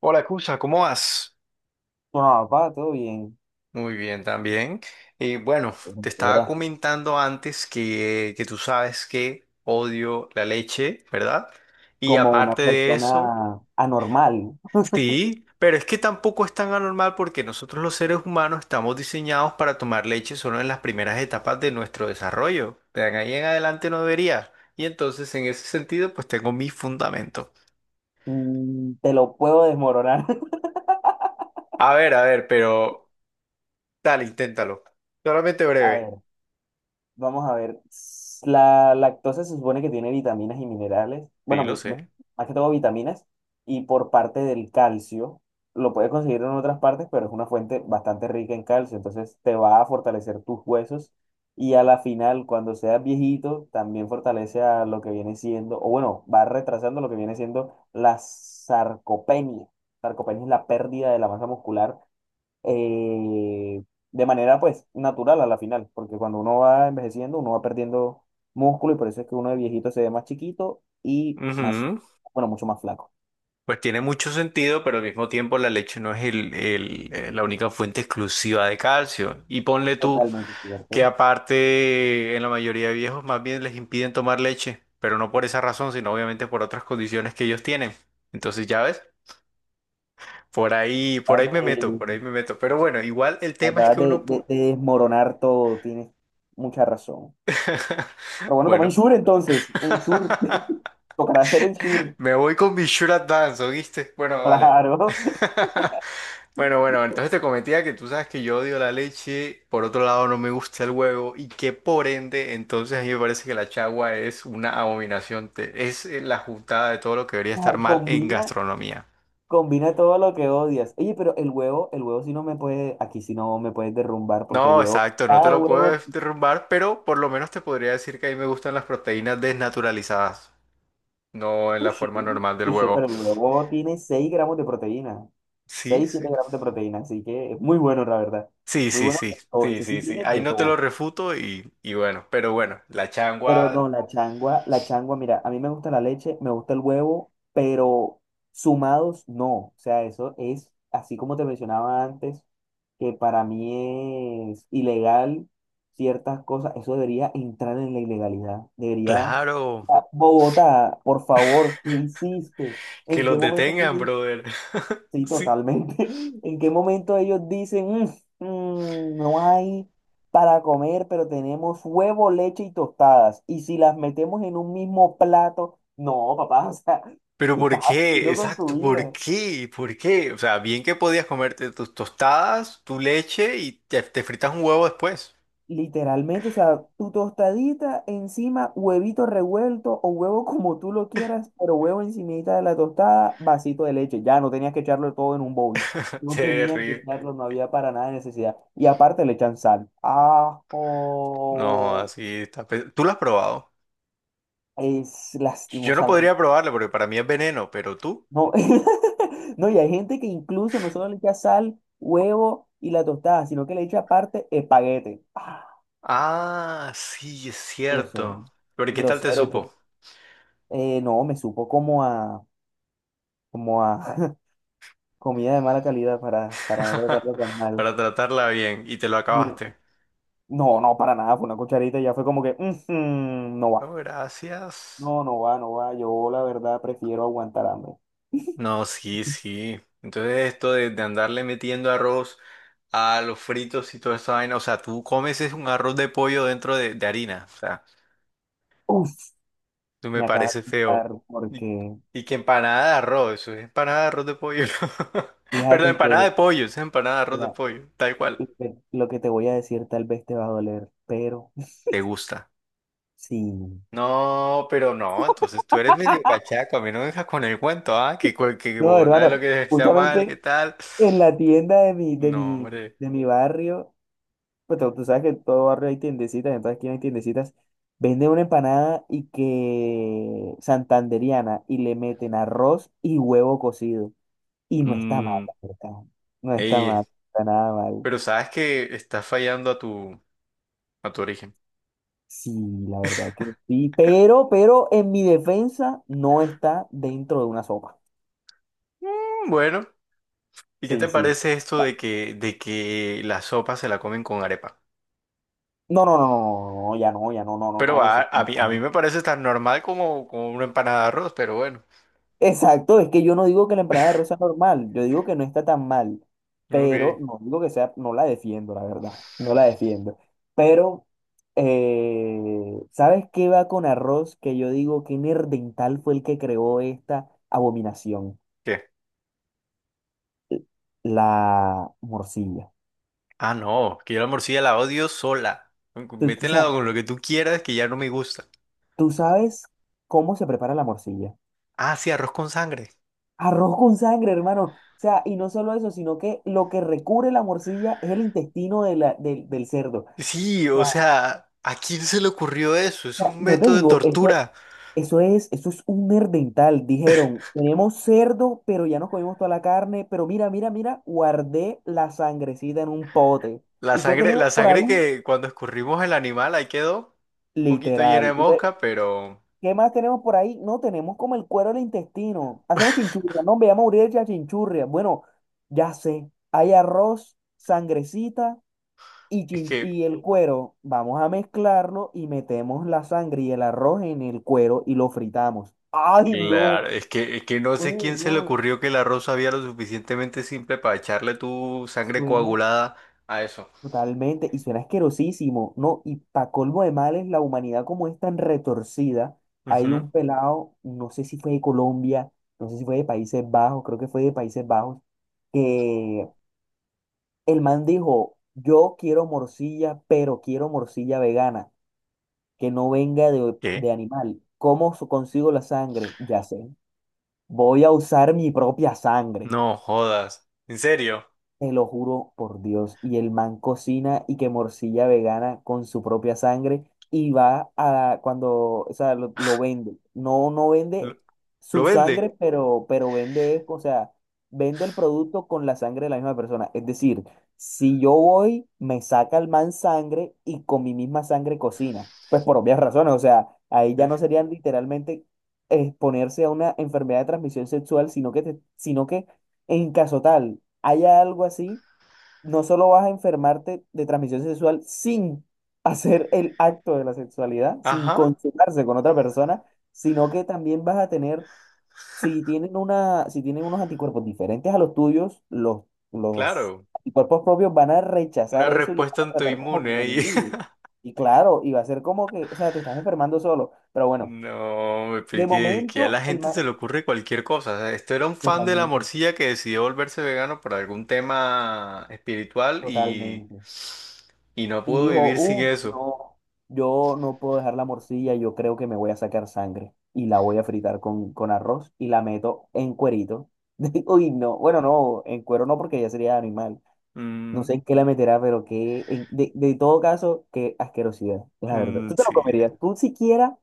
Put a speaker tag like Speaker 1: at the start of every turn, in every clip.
Speaker 1: Hola, Cusa, ¿cómo vas?
Speaker 2: Bueno, papá, todo bien.
Speaker 1: Muy bien, también. Y bueno,
Speaker 2: Pues,
Speaker 1: te estaba
Speaker 2: Eras
Speaker 1: comentando antes que tú sabes que odio la leche, ¿verdad? Y
Speaker 2: como una
Speaker 1: aparte de eso,
Speaker 2: persona anormal.
Speaker 1: sí, pero es que tampoco es tan anormal porque nosotros los seres humanos estamos diseñados para tomar leche solo en las primeras etapas de nuestro desarrollo. De ahí en adelante no debería. Y entonces, en ese sentido, pues tengo mi fundamento.
Speaker 2: Te lo puedo desmoronar.
Speaker 1: A ver, pero dale, inténtalo. Solamente
Speaker 2: A
Speaker 1: breve.
Speaker 2: ver, vamos a ver, la lactosa se supone que tiene vitaminas y minerales,
Speaker 1: Sí,
Speaker 2: bueno,
Speaker 1: lo
Speaker 2: bueno,
Speaker 1: sé.
Speaker 2: más que todo vitaminas, y por parte del calcio, lo puedes conseguir en otras partes, pero es una fuente bastante rica en calcio, entonces te va a fortalecer tus huesos y a la final, cuando seas viejito, también fortalece a lo que viene siendo, o bueno, va retrasando lo que viene siendo la sarcopenia. Sarcopenia es la pérdida de la masa muscular, eh, de manera pues natural a la final, porque cuando uno va envejeciendo, uno va perdiendo músculo y por eso es que uno de viejito se ve más chiquito y más,
Speaker 1: Ujú.
Speaker 2: bueno, mucho más flaco.
Speaker 1: Pues tiene mucho sentido, pero al mismo tiempo la leche no es la única fuente exclusiva de calcio. Y ponle tú
Speaker 2: Totalmente
Speaker 1: que
Speaker 2: cierto.
Speaker 1: aparte en la mayoría de viejos más bien les impiden tomar leche, pero no por esa razón, sino obviamente por otras condiciones que ellos tienen. Entonces, ya ves, por ahí, por
Speaker 2: Acabas
Speaker 1: ahí me
Speaker 2: de,
Speaker 1: meto, por ahí me meto. Pero bueno, igual el
Speaker 2: me
Speaker 1: tema es
Speaker 2: acabas
Speaker 1: que
Speaker 2: de,
Speaker 1: uno...
Speaker 2: de- de desmoronar todo, tienes mucha razón. Pero bueno, toma
Speaker 1: Bueno,
Speaker 2: Ensure entonces, Ensure, tocará hacer Ensure,
Speaker 1: me voy con mi Sure Advance, ¿oíste? Bueno, dale.
Speaker 2: claro.
Speaker 1: Bueno, bueno, entonces te cometía que tú sabes que yo odio la leche, por otro lado no me gusta el huevo y que por ende, entonces a mí me parece que la chagua es una abominación, es la juntada de todo lo que debería estar mal en
Speaker 2: Combina,
Speaker 1: gastronomía.
Speaker 2: combina todo lo que odias. Oye, pero el huevo sí no me puede, aquí sí no me puedes derrumbar, porque el
Speaker 1: No,
Speaker 2: huevo,
Speaker 1: exacto, no te
Speaker 2: cada
Speaker 1: lo puedo
Speaker 2: huevo
Speaker 1: derrumbar, pero por lo menos te podría decir que a mí me gustan las proteínas desnaturalizadas, no en la
Speaker 2: touché,
Speaker 1: forma normal del
Speaker 2: touché,
Speaker 1: huevo.
Speaker 2: pero el huevo tiene 6 gramos de proteína.
Speaker 1: Sí,
Speaker 2: seis siete
Speaker 1: sí.
Speaker 2: gramos de proteína, así que es muy bueno, la verdad.
Speaker 1: Sí,
Speaker 2: Muy
Speaker 1: sí,
Speaker 2: bueno.
Speaker 1: sí,
Speaker 2: O
Speaker 1: sí,
Speaker 2: ese sí
Speaker 1: sí, sí.
Speaker 2: tiene
Speaker 1: Ahí
Speaker 2: de
Speaker 1: no te lo
Speaker 2: todo.
Speaker 1: refuto y bueno, pero bueno, la
Speaker 2: Pero
Speaker 1: changua,
Speaker 2: no, la changua, mira, a mí me gusta la leche, me gusta el huevo, pero sumados no. O sea, eso es, así como te mencionaba antes, que para mí es ilegal ciertas cosas, eso debería entrar en la ilegalidad. Debería...
Speaker 1: claro.
Speaker 2: Ah, Bogotá, por favor, ¿qué hiciste?
Speaker 1: Que
Speaker 2: ¿En
Speaker 1: los
Speaker 2: qué momento tú
Speaker 1: detengan, brother.
Speaker 2: sí,
Speaker 1: Sí.
Speaker 2: totalmente. ¿En qué momento ellos dicen, no hay para comer, pero tenemos huevo, leche y tostadas?" Y si las metemos en un mismo plato, no, papá, o sea,
Speaker 1: Pero
Speaker 2: ¿qué
Speaker 1: ¿por
Speaker 2: estás
Speaker 1: qué?
Speaker 2: haciendo con tu
Speaker 1: Exacto, ¿por
Speaker 2: vida?
Speaker 1: qué? ¿Por qué? O sea, bien que podías comerte tus tostadas, tu leche y te fritas un huevo después.
Speaker 2: Literalmente, o sea, tu tostadita encima, huevito revuelto o huevo como tú lo quieras, pero huevo encimita de la tostada, vasito de leche. Ya no tenías que echarlo todo en un bowl. No tenías que
Speaker 1: Terrible.
Speaker 2: echarlo, no había para nada necesidad. Y aparte le echan sal.
Speaker 1: No,
Speaker 2: Ajo.
Speaker 1: así está. ¿Tú lo has probado?
Speaker 2: Es
Speaker 1: Yo no
Speaker 2: lastimosamente.
Speaker 1: podría probarlo porque para mí es veneno, pero tú.
Speaker 2: No, no, y hay gente que incluso no solo le echa sal, huevo y la tostada, sino que le echa aparte espaguete. Ah,
Speaker 1: Ah, sí, es cierto.
Speaker 2: grosero.
Speaker 1: Pero, ¿y qué tal te
Speaker 2: Grosero. Entonces,
Speaker 1: supo?
Speaker 2: no, me supo como a como a comida de mala calidad para no tratarlo tan mal.
Speaker 1: Para tratarla bien y te lo
Speaker 2: Mire,
Speaker 1: acabaste.
Speaker 2: no, no, para nada, fue una cucharita y ya fue como que, "Ujú, no va,
Speaker 1: No,
Speaker 2: no,
Speaker 1: gracias.
Speaker 2: no va, no va, yo la verdad prefiero aguantar hambre."
Speaker 1: No, sí, sí. Entonces esto de andarle metiendo arroz a los fritos y toda esa vaina, o sea, tú comes es un arroz de pollo dentro de harina, o sea,
Speaker 2: Uf,
Speaker 1: tú me
Speaker 2: me acaba de
Speaker 1: parece feo.
Speaker 2: quitar
Speaker 1: Y,
Speaker 2: porque
Speaker 1: y que empanada de arroz, eso es empanada de arroz de pollo. Perdón,
Speaker 2: fíjate
Speaker 1: empanada de
Speaker 2: que,
Speaker 1: pollo, eso es empanada de arroz de
Speaker 2: mira,
Speaker 1: pollo, tal cual.
Speaker 2: lo que te voy a decir tal vez te va a doler, pero
Speaker 1: ¿Te gusta?
Speaker 2: sí.
Speaker 1: No, pero no, entonces tú eres medio cachaco, a mí no me dejas con el cuento, ¿ah? Que, que
Speaker 2: No,
Speaker 1: Bogotá es lo
Speaker 2: hermano,
Speaker 1: que está mal, ¿qué
Speaker 2: justamente
Speaker 1: tal?
Speaker 2: en la tienda
Speaker 1: No, hombre.
Speaker 2: de mi barrio pues tú sabes que en todo barrio hay tiendecitas, en toda esquina hay tiendecitas. Venden una empanada y que santandereana y le meten arroz y huevo cocido. Y no está mal,
Speaker 1: Mm,
Speaker 2: la verdad. No está
Speaker 1: ey.
Speaker 2: mal, no está nada mal.
Speaker 1: Pero sabes que estás fallando a a tu origen.
Speaker 2: Sí, la verdad que sí. Pero en mi defensa no está dentro de una sopa.
Speaker 1: Bueno, ¿y qué
Speaker 2: Sí,
Speaker 1: te
Speaker 2: sí.
Speaker 1: parece esto de que la sopa se la comen con arepa?
Speaker 2: No, no, no, no, no, no, ya no, ya no, no, no,
Speaker 1: Pero
Speaker 2: no,
Speaker 1: a,
Speaker 2: eso es.
Speaker 1: a mí, a mí me parece tan normal como una empanada de arroz, pero bueno.
Speaker 2: Exacto, es que yo no digo que la empanada de arroz sea normal, yo digo que no está tan mal, pero
Speaker 1: Ok.
Speaker 2: no digo que sea, no la defiendo, la verdad, no la defiendo. Pero, ¿sabes qué va con arroz? Que yo digo que Nerdental fue el que creó esta abominación,
Speaker 1: ¿Qué?
Speaker 2: l- la morcilla.
Speaker 1: Ah, no, que yo la morcilla la odio sola.
Speaker 2: Tú, tú
Speaker 1: Métela
Speaker 2: sa-
Speaker 1: con lo que tú quieras que ya no me gusta.
Speaker 2: Tú sabes cómo se prepara la morcilla.
Speaker 1: Ah, sí, arroz con sangre.
Speaker 2: Arroz con sangre, hermano. O sea, y no solo eso, sino que lo que recubre la morcilla es el intestino de del del cerdo.
Speaker 1: Sí, o sea, ¿a quién se le ocurrió eso? Es
Speaker 2: Sea,
Speaker 1: un
Speaker 2: no te
Speaker 1: método de
Speaker 2: digo, eso,
Speaker 1: tortura.
Speaker 2: eso es un herdental. Dijeron, tenemos cerdo, pero ya nos comimos toda la carne, pero mira, mira, mira, guardé la sangrecita en un pote.
Speaker 1: La
Speaker 2: ¿Y qué
Speaker 1: sangre,
Speaker 2: tenemos
Speaker 1: la
Speaker 2: por
Speaker 1: sangre
Speaker 2: ahí?
Speaker 1: que cuando escurrimos el animal ahí quedó un poquito llena de
Speaker 2: Literal. Entonces,
Speaker 1: mosca, pero
Speaker 2: ¿qué más tenemos por ahí? No, tenemos como el cuero del intestino. Hacemos chinchurria. No, veamos a morir de chinchurria. Bueno, ya sé. Hay arroz, sangrecita. Y,
Speaker 1: es que,
Speaker 2: y el cuero, vamos a mezclarlo y metemos la sangre y el arroz en el cuero y lo fritamos. ¡Ay, no!
Speaker 1: claro, es que no sé
Speaker 2: Oye,
Speaker 1: quién se le
Speaker 2: no,
Speaker 1: ocurrió que el arroz había lo suficientemente simple para echarle tu sangre
Speaker 2: suena
Speaker 1: coagulada a eso.
Speaker 2: totalmente y suena asquerosísimo, ¿no? Y para colmo de males, la humanidad como es tan retorcida, hay
Speaker 1: Ujú.
Speaker 2: un pelado, no sé si fue de Colombia, no sé si fue de Países Bajos, creo que fue de Países Bajos, que el man dijo, yo quiero morcilla, pero quiero morcilla vegana. Que no venga
Speaker 1: ¿Qué?
Speaker 2: de animal. ¿Cómo consigo la sangre? Ya sé. Voy a usar mi propia sangre.
Speaker 1: No jodas. ¿En serio?
Speaker 2: Te lo juro por Dios. Y el man cocina y que morcilla vegana con su propia sangre y va a cuando, o sea, lo vende. No, no
Speaker 1: ¿Lo,
Speaker 2: vende
Speaker 1: lo
Speaker 2: su sangre,
Speaker 1: vende?
Speaker 2: pero vende, o sea, vende el producto con la sangre de la misma persona. Es decir, si yo voy, me saca el man sangre y con mi misma sangre cocina. Pues por obvias razones, o sea, ahí ya no serían literalmente exponerse a una enfermedad de transmisión sexual, sino que, sino que en caso tal haya algo así, no solo vas a enfermarte de transmisión sexual sin hacer el acto de la sexualidad, sin
Speaker 1: Ajá,
Speaker 2: consumarse con otra persona, sino que también vas a tener, si tienen una, si tienen unos anticuerpos diferentes a los tuyos, los
Speaker 1: claro.
Speaker 2: anticuerpos propios van a
Speaker 1: Una
Speaker 2: rechazar eso y lo van
Speaker 1: respuesta
Speaker 2: a tratar como que
Speaker 1: autoinmune
Speaker 2: el
Speaker 1: ahí.
Speaker 2: enemigo. Y claro, y va a ser como que, o sea, te estás enfermando solo. Pero bueno,
Speaker 1: No, me
Speaker 2: de
Speaker 1: expliqué que a la
Speaker 2: momento, el
Speaker 1: gente
Speaker 2: más...
Speaker 1: se le ocurre cualquier cosa. O sea, esto era un fan de la
Speaker 2: Totalmente,
Speaker 1: morcilla que decidió volverse vegano por algún tema espiritual y,
Speaker 2: totalmente.
Speaker 1: y no
Speaker 2: Y
Speaker 1: pudo
Speaker 2: dijo,
Speaker 1: vivir sin
Speaker 2: uff,
Speaker 1: eso.
Speaker 2: no, yo no puedo dejar la morcilla, yo creo que me voy a sacar sangre y la voy a fritar con arroz y la meto en cuerito. Uy, no, bueno, no, en cuero no porque ya sería animal. No
Speaker 1: Mm,
Speaker 2: sé en qué la meterá, pero que, de todo caso, qué asquerosidad, la verdad.
Speaker 1: mm,
Speaker 2: ¿Tú te lo
Speaker 1: sí.
Speaker 2: comerías? ¿Tú siquiera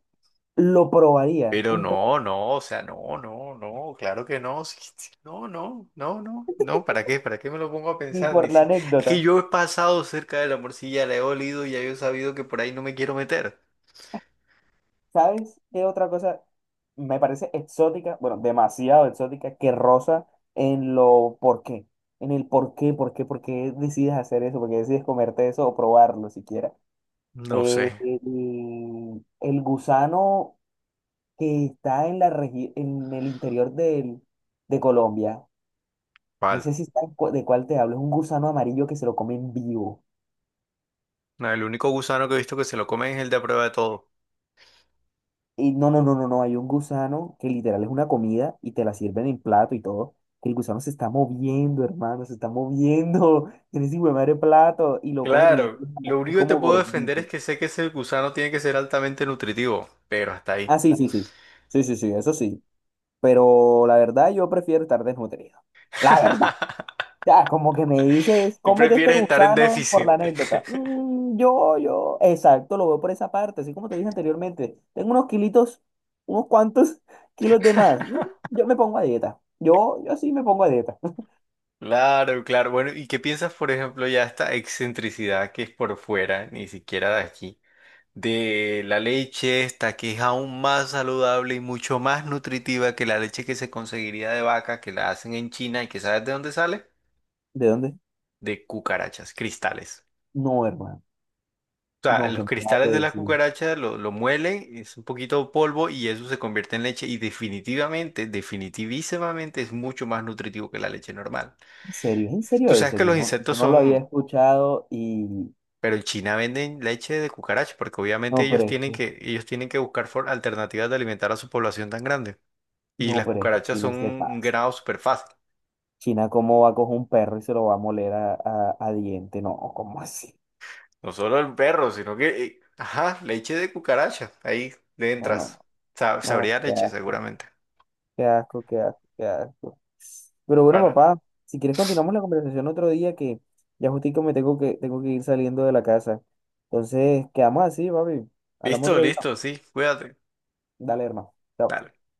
Speaker 2: lo probarías?
Speaker 1: Pero
Speaker 2: Un pedazo,
Speaker 1: no, no, o sea, no, no, no, claro que no. Sí, sí, no, no, no, no, no, ¿para qué? ¿Para qué me lo pongo a
Speaker 2: ni
Speaker 1: pensar? Ni
Speaker 2: por la
Speaker 1: si... Es
Speaker 2: anécdota.
Speaker 1: que yo he pasado cerca de la morcilla, la he olido y ya yo he sabido que por ahí no me quiero meter.
Speaker 2: ¿Sabes qué otra cosa me parece exótica? Bueno, demasiado exótica que rosa en lo por qué. En el por qué, por qué, por qué decides hacer eso, por qué decides comerte eso o probarlo siquiera.
Speaker 1: No sé.
Speaker 2: El gusano que está en la en el interior del, de Colombia. No
Speaker 1: Vale.
Speaker 2: sé si sabes de cuál te hablo. Es un gusano amarillo que se lo comen vivo.
Speaker 1: No, el único gusano que he visto que se lo comen es el de a prueba de todo.
Speaker 2: Y no, no, no, no, no, hay un gusano que literal es una comida y te la sirven en plato y todo. Que el gusano se está moviendo, hermano, se está moviendo en ese hijo de madre plato y lo cogen y
Speaker 1: Claro, lo
Speaker 2: es
Speaker 1: único que te
Speaker 2: como
Speaker 1: puedo defender
Speaker 2: gordito.
Speaker 1: es que sé que ese gusano tiene que ser altamente nutritivo, pero hasta ahí.
Speaker 2: Ah, sí, sí, sí. Sí, sí, sí, eso sí. Pero la verdad yo prefiero estar desnutrido. La verdad. Ya, como que me dices,
Speaker 1: Tú
Speaker 2: cómete este
Speaker 1: prefieres estar en
Speaker 2: gusano por la
Speaker 1: déficit.
Speaker 2: anécdota. Mm, yo, exacto, lo veo por esa parte, así como te dije anteriormente. Tengo unos kilitos, unos cuantos kilos de más. Mm, yo me pongo a dieta. Yo sí me pongo a dieta.
Speaker 1: Claro, claro. Bueno, ¿y qué piensas, por ejemplo, ya esta excentricidad que es por fuera, ni siquiera de aquí, de la leche esta que es aún más saludable y mucho más nutritiva que la leche que se conseguiría de vaca, que la hacen en China y que sabes de dónde sale?
Speaker 2: ¿De dónde?
Speaker 1: De cucarachas, cristales.
Speaker 2: No, hermano.
Speaker 1: Sea,
Speaker 2: No,
Speaker 1: los
Speaker 2: que me acabas
Speaker 1: cristales
Speaker 2: de
Speaker 1: de la
Speaker 2: decir.
Speaker 1: cucaracha lo muelen, es un poquito de polvo y eso se convierte en leche y definitivamente, definitivísimamente es mucho más nutritivo que la leche normal.
Speaker 2: ¿En serio? ¿Es ¿en serio
Speaker 1: Tú sabes
Speaker 2: eso?
Speaker 1: que
Speaker 2: Yo
Speaker 1: los
Speaker 2: no,
Speaker 1: insectos
Speaker 2: yo no lo había
Speaker 1: son,
Speaker 2: escuchado y...
Speaker 1: pero en China venden leche de cucaracha porque obviamente
Speaker 2: No, pero
Speaker 1: ellos
Speaker 2: es
Speaker 1: tienen
Speaker 2: que,
Speaker 1: que, ellos tienen que buscar alternativas de alimentar a su población tan grande. Y
Speaker 2: no,
Speaker 1: las
Speaker 2: pero es que
Speaker 1: cucarachas
Speaker 2: China
Speaker 1: son
Speaker 2: se
Speaker 1: un
Speaker 2: pasa.
Speaker 1: ganado súper fácil.
Speaker 2: China, ¿cómo va a coger un perro y se lo va a moler a, a diente? No, ¿cómo así?
Speaker 1: No solo el perro, sino que, ajá, leche de cucaracha, ahí le
Speaker 2: No,
Speaker 1: entras.
Speaker 2: no. No,
Speaker 1: Sabría
Speaker 2: qué
Speaker 1: leche
Speaker 2: asco,
Speaker 1: seguramente.
Speaker 2: qué asco, qué asco, qué asco. Pero bueno,
Speaker 1: Para.
Speaker 2: papá, si quieres continuamos la conversación otro día que ya justico me tengo que ir saliendo de la casa. Entonces, quedamos así, papi. Hablamos
Speaker 1: Listo,
Speaker 2: otro día.
Speaker 1: listo, sí, cuídate.
Speaker 2: Dale, hermano.
Speaker 1: Dale.
Speaker 2: Chao.